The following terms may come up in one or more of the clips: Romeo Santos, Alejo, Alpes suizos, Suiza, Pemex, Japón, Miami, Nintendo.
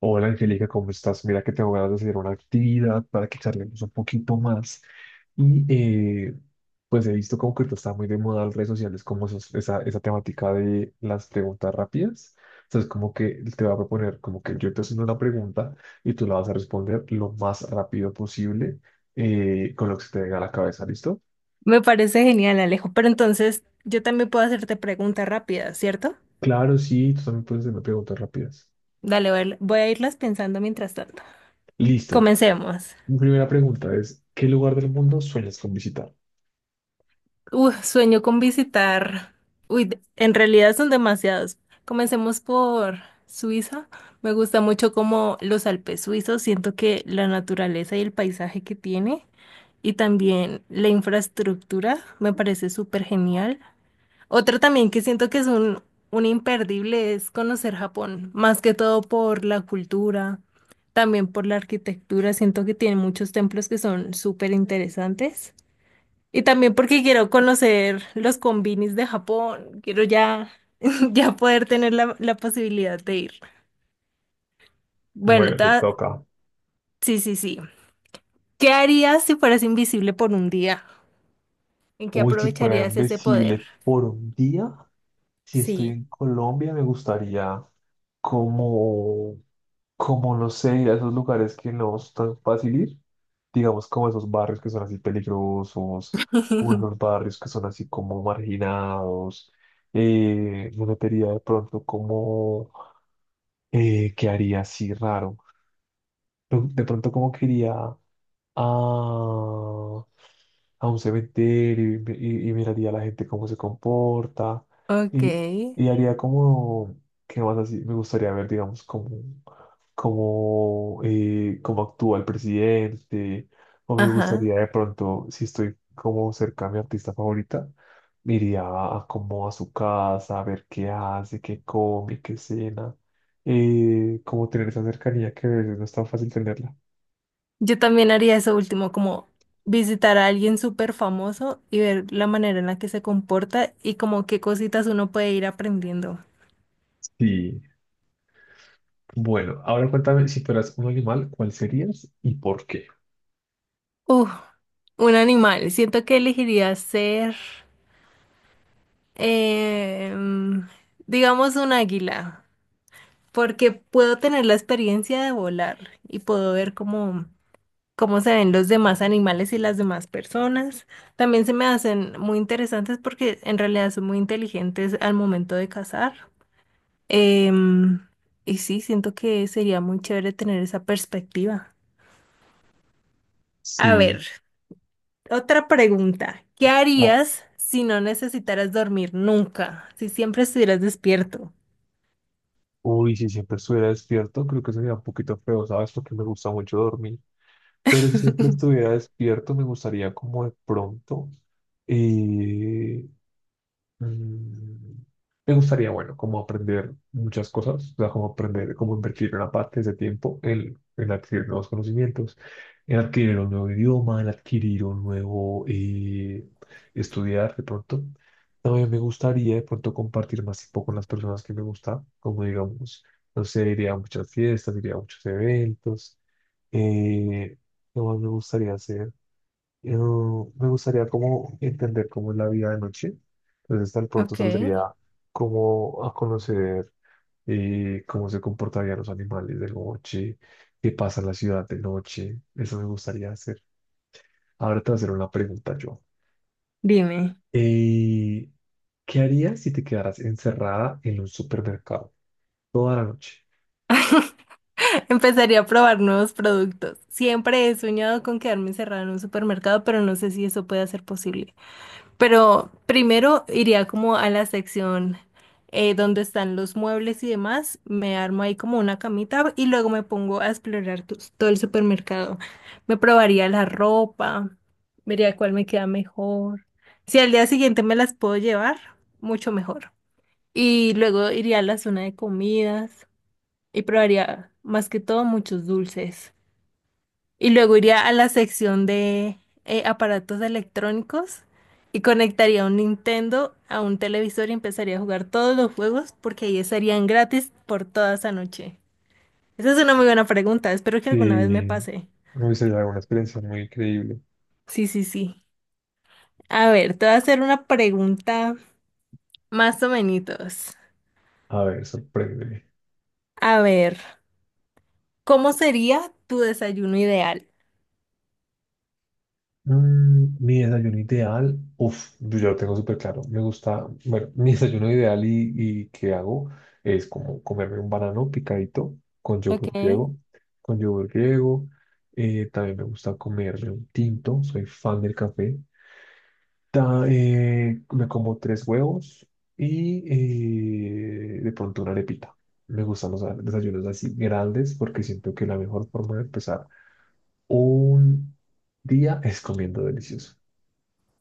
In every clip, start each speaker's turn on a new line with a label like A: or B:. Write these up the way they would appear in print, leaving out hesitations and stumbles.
A: Hola Angélica, ¿cómo estás? Mira que tengo ganas de hacer una actividad para que charlemos un poquito más. Y eh, pues he visto como que ahorita está muy de moda en las redes sociales como esa temática de las preguntas rápidas. Entonces como que te voy a proponer como que yo te haciendo una pregunta y tú la vas a responder lo más rápido posible, con lo que se te venga a la cabeza, ¿listo?
B: Me parece genial, Alejo. Pero entonces yo también puedo hacerte preguntas rápidas, ¿cierto?
A: Claro, sí, tú también puedes hacerme preguntas rápidas.
B: Dale, voy a irlas pensando mientras tanto.
A: Listo.
B: Comencemos.
A: Mi primera pregunta es, ¿qué lugar del mundo sueñas con visitar?
B: Uy, sueño con visitar. Uy, en realidad son demasiados. Comencemos por Suiza. Me gusta mucho como los Alpes suizos. Siento que la naturaleza y el paisaje que tiene y también la infraestructura me parece súper genial. Otro también que siento que es un imperdible es conocer Japón, más que todo por la cultura, también por la arquitectura. Siento que tiene muchos templos que son súper interesantes. Y también porque quiero conocer los combinis de Japón, quiero ya, ya poder tener la posibilidad de ir. Bueno,
A: Bueno, te toca.
B: sí, sí, sí. ¿Qué harías si fueras invisible por un día? ¿En qué
A: Uy, si fuera
B: aprovecharías ese poder?
A: invencible por un día, si estoy
B: Sí.
A: en Colombia, me gustaría como, como no sé, ir a esos lugares que no es tan fácil ir, digamos como esos barrios que son así peligrosos, o esos barrios que son así como marginados. Me metería de pronto como, ¿qué haría así raro? De pronto como que iría a, a un cementerio y, y miraría a la gente cómo se comporta
B: Ok,
A: y, y haría como, ¿qué más así? Me gustaría ver, digamos, cómo, cómo actúa el presidente, o me
B: ajá.
A: gustaría de pronto, si estoy como cerca a mi artista favorita, me iría a, como a su casa, a ver qué hace, qué come, qué cena, como tener esa cercanía que a veces no es tan fácil tenerla.
B: Yo también haría eso último, como visitar a alguien súper famoso y ver la manera en la que se comporta y como qué cositas uno puede ir aprendiendo.
A: Sí. Bueno, ahora cuéntame, si fueras un animal, ¿cuál serías y por qué?
B: Uf, un animal. Siento que elegiría ser, em, digamos, un águila, porque puedo tener la experiencia de volar y puedo ver cómo, cómo se ven los demás animales y las demás personas. También se me hacen muy interesantes porque en realidad son muy inteligentes al momento de cazar. Em, y sí, siento que sería muy chévere tener esa perspectiva. A
A: Sí.
B: ver, otra pregunta. ¿Qué
A: Ah,
B: harías si no necesitaras dormir nunca? Si siempre estuvieras despierto.
A: uy, si siempre estuviera despierto, creo que sería un poquito feo, ¿sabes? Porque me gusta mucho dormir. Pero si siempre estuviera despierto, me gustaría como de pronto. eh, Mm, Me gustaría, bueno, como aprender muchas cosas, o sea, como aprender, como invertir una parte de ese tiempo en adquirir nuevos conocimientos, en adquirir un nuevo idioma, en adquirir un nuevo estudiar de pronto. También me gustaría de pronto compartir más tiempo con las personas que me gustan, como digamos, no sé, iría a muchas fiestas, iría a muchos eventos. Eh, ¿Qué más me gustaría hacer? Yo me gustaría como entender cómo es la vida de noche. Entonces, tal pronto
B: Ok.
A: saldría como a conocer, cómo se comportarían los animales de noche, qué pasa en la ciudad de noche. Eso me gustaría hacer. Ahora te voy a hacer una pregunta yo.
B: Dime.
A: Eh, ¿Qué harías si te quedaras encerrada en un supermercado toda la noche?
B: Empezaría a probar nuevos productos. Siempre he soñado con quedarme encerrada en un supermercado, pero no sé si eso puede ser posible. Pero primero iría como a la sección donde están los muebles y demás, me armo ahí como una camita y luego me pongo a explorar todo el supermercado. Me probaría la ropa, vería cuál me queda mejor. Si al día siguiente me las puedo llevar, mucho mejor. Y luego iría a la zona de comidas y probaría más que todo muchos dulces. Y luego iría a la sección de aparatos electrónicos y conectaría un Nintendo a un televisor y empezaría a jugar todos los juegos porque ahí estarían gratis por toda esa noche. Esa es una muy buena pregunta. Espero que alguna vez me
A: Y
B: pase.
A: me gustaría dar una experiencia muy increíble.
B: Sí, sí, sí. A ver, te voy a hacer una pregunta más o menos.
A: A ver, sorpréndeme.
B: A ver, ¿cómo sería tu desayuno ideal?
A: Mm, mi desayuno ideal, uff, yo ya lo tengo súper claro. Me gusta, bueno, mi desayuno ideal y que hago es como comerme un banano picadito con
B: Ok.
A: yogur griego. También me gusta comerme un tinto, soy fan del café. Me como tres huevos y, de pronto una arepita. Me gustan los desayunos así grandes porque siento que la mejor forma de empezar un día es comiendo delicioso.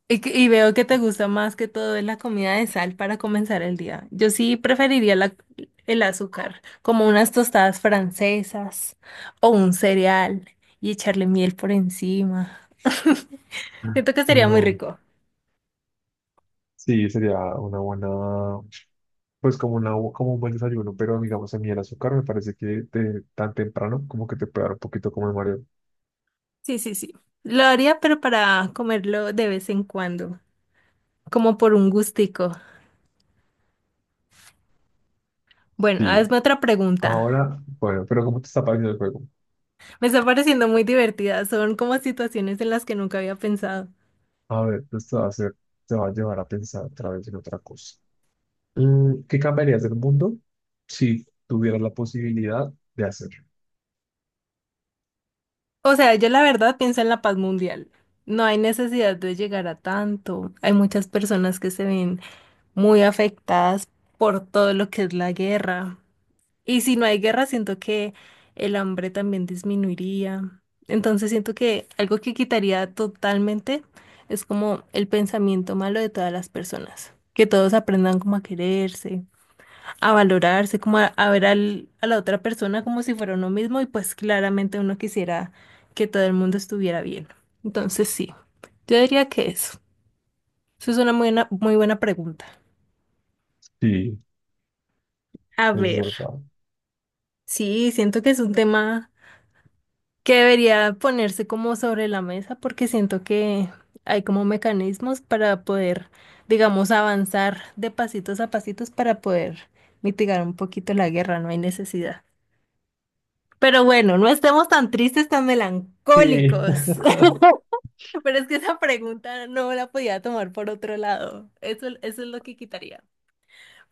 B: Y, y veo que te gusta más que todo es la comida de sal para comenzar el día. Yo sí preferiría el azúcar, como unas tostadas francesas o un cereal y echarle miel por encima. Siento que sería muy
A: No,
B: rico.
A: sí, sería una buena, pues como, una, como un buen desayuno, pero digamos a mí el azúcar me parece que tan temprano como que te puede dar un poquito como de mareo.
B: Sí, sí, sí. Lo haría, pero para comerlo de vez en cuando, como por un gustico. Bueno,
A: Sí,
B: hazme otra pregunta.
A: ahora, bueno, pero ¿cómo te está pareciendo el juego?
B: Me está pareciendo muy divertida. Son como situaciones en las que nunca había pensado.
A: A ver, pues te va a llevar a pensar otra vez en otra cosa. Mm, ¿qué cambiarías del mundo si tuvieras la posibilidad de hacerlo?
B: O sea, yo la verdad pienso en la paz mundial. No hay necesidad de llegar a tanto. Hay muchas personas que se ven muy afectadas por todo lo que es la guerra. Y si no hay guerra, siento que el hambre también disminuiría. Entonces siento que algo que quitaría totalmente es como el pensamiento malo de todas las personas. Que todos aprendan como a quererse, a valorarse, como a ver a la otra persona como si fuera uno mismo y pues claramente uno quisiera que todo el mundo estuviera bien. Entonces sí, yo diría que eso. Eso es una muy buena pregunta.
A: Sí,
B: A
A: es
B: ver,
A: verdad.
B: sí, siento que es un tema que debería ponerse como sobre la mesa porque siento que hay como mecanismos para poder, digamos, avanzar de pasitos a pasitos para poder mitigar un poquito la guerra, no hay necesidad. Pero bueno, no estemos tan tristes, tan
A: Sí,
B: melancólicos. Pero es que esa pregunta no la podía tomar por otro lado. Eso es lo que quitaría.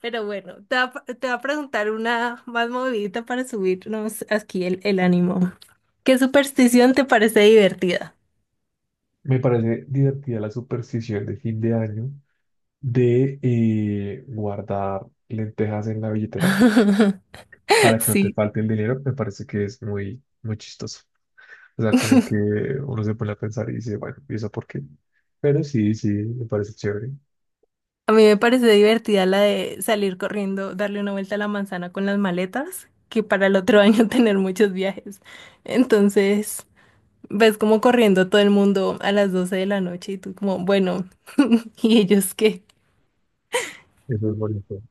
B: Pero bueno, te va, te voy a preguntar una más movidita para subirnos aquí el ánimo. ¿Qué superstición te parece divertida?
A: me parece divertida la superstición de fin de año de guardar lentejas en la billetera para que no te
B: Sí,
A: falte el dinero, me parece que es muy, muy chistoso. O sea, como que uno se pone a pensar y dice, bueno, ¿y eso por qué? Pero sí, sí, me parece chévere.
B: a mí me parece divertida la de salir corriendo, darle una vuelta a la manzana con las maletas, que para el otro año tener muchos viajes. Entonces... Ves como corriendo todo el mundo a las 12 de la noche y tú como, bueno, ¿y ellos qué?
A: Eso es bonito.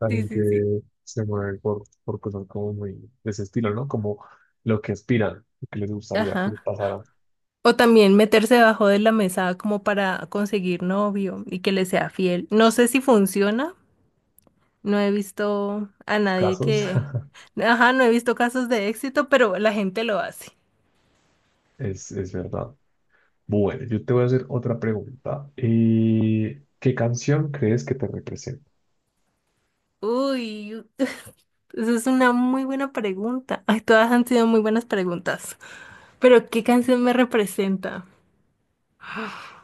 A: La
B: Sí, sí, sí.
A: gente se mueve por cosas como muy de ese estilo, ¿no? Como lo que aspiran, lo que les gustaría que les
B: Ajá.
A: pasaran
B: O también meterse debajo de la mesa como para conseguir novio y que le sea fiel. No sé si funciona. No he visto a nadie
A: casos.
B: que... Ajá, no he visto casos de éxito, pero la gente lo hace.
A: Es verdad. Bueno, yo te voy a hacer otra pregunta. ¿Qué canción crees que te representa?
B: Uy, esa es una muy buena pregunta. Ay, todas han sido muy buenas preguntas. Pero ¿qué canción me representa?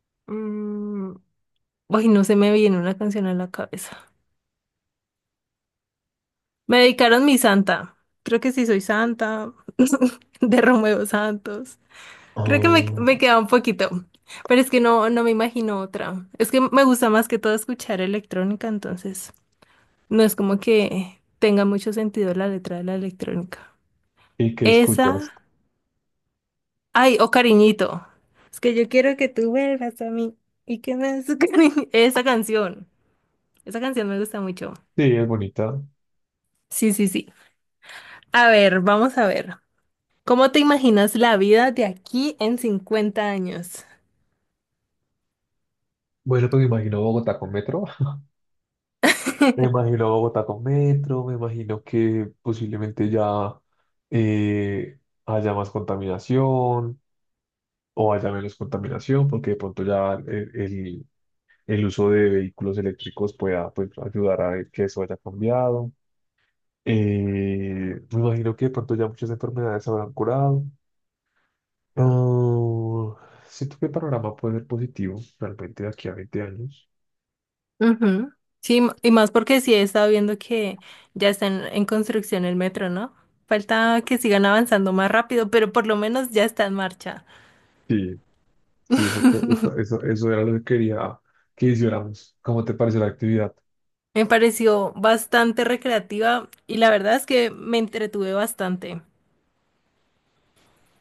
B: Mm, ay, no se me viene una canción a la cabeza. Me dedicaron mi santa. Creo que sí soy santa. De Romeo Santos. Creo que me
A: Ah,
B: queda un poquito. Pero es que no me imagino otra. Es que me gusta más que todo escuchar electrónica, entonces no es como que tenga mucho sentido la letra de la electrónica.
A: ¿y qué escuchas?
B: Esa. Ay, o cariñito. Es que yo quiero que tú vuelvas a mí y que me des tu cariño. Esa canción. Esa canción me gusta mucho.
A: Sí, es bonita.
B: Sí, sí, sí. A ver, vamos a ver. ¿Cómo te imaginas la vida de aquí en 50 años?
A: Bueno, pues me imagino Bogotá con metro. Me imagino Bogotá con metro, me imagino que posiblemente ya, eh, haya más contaminación o haya menos contaminación, porque de pronto ya el- el uso de vehículos eléctricos pueda pues, ayudar a que eso haya cambiado. Me imagino que de pronto ya muchas enfermedades se habrán curado. Oh, siento que el panorama puede ser positivo realmente de aquí a 20 años.
B: Ujú. Sí, y más porque sí he estado viendo que ya está en construcción el metro, ¿no? Falta que sigan avanzando más rápido, pero por lo menos ya está en marcha.
A: Sí, sí, eso era lo que quería que hiciéramos. ¿Cómo te pareció la actividad?
B: Me pareció bastante recreativa y la verdad es que me entretuve bastante.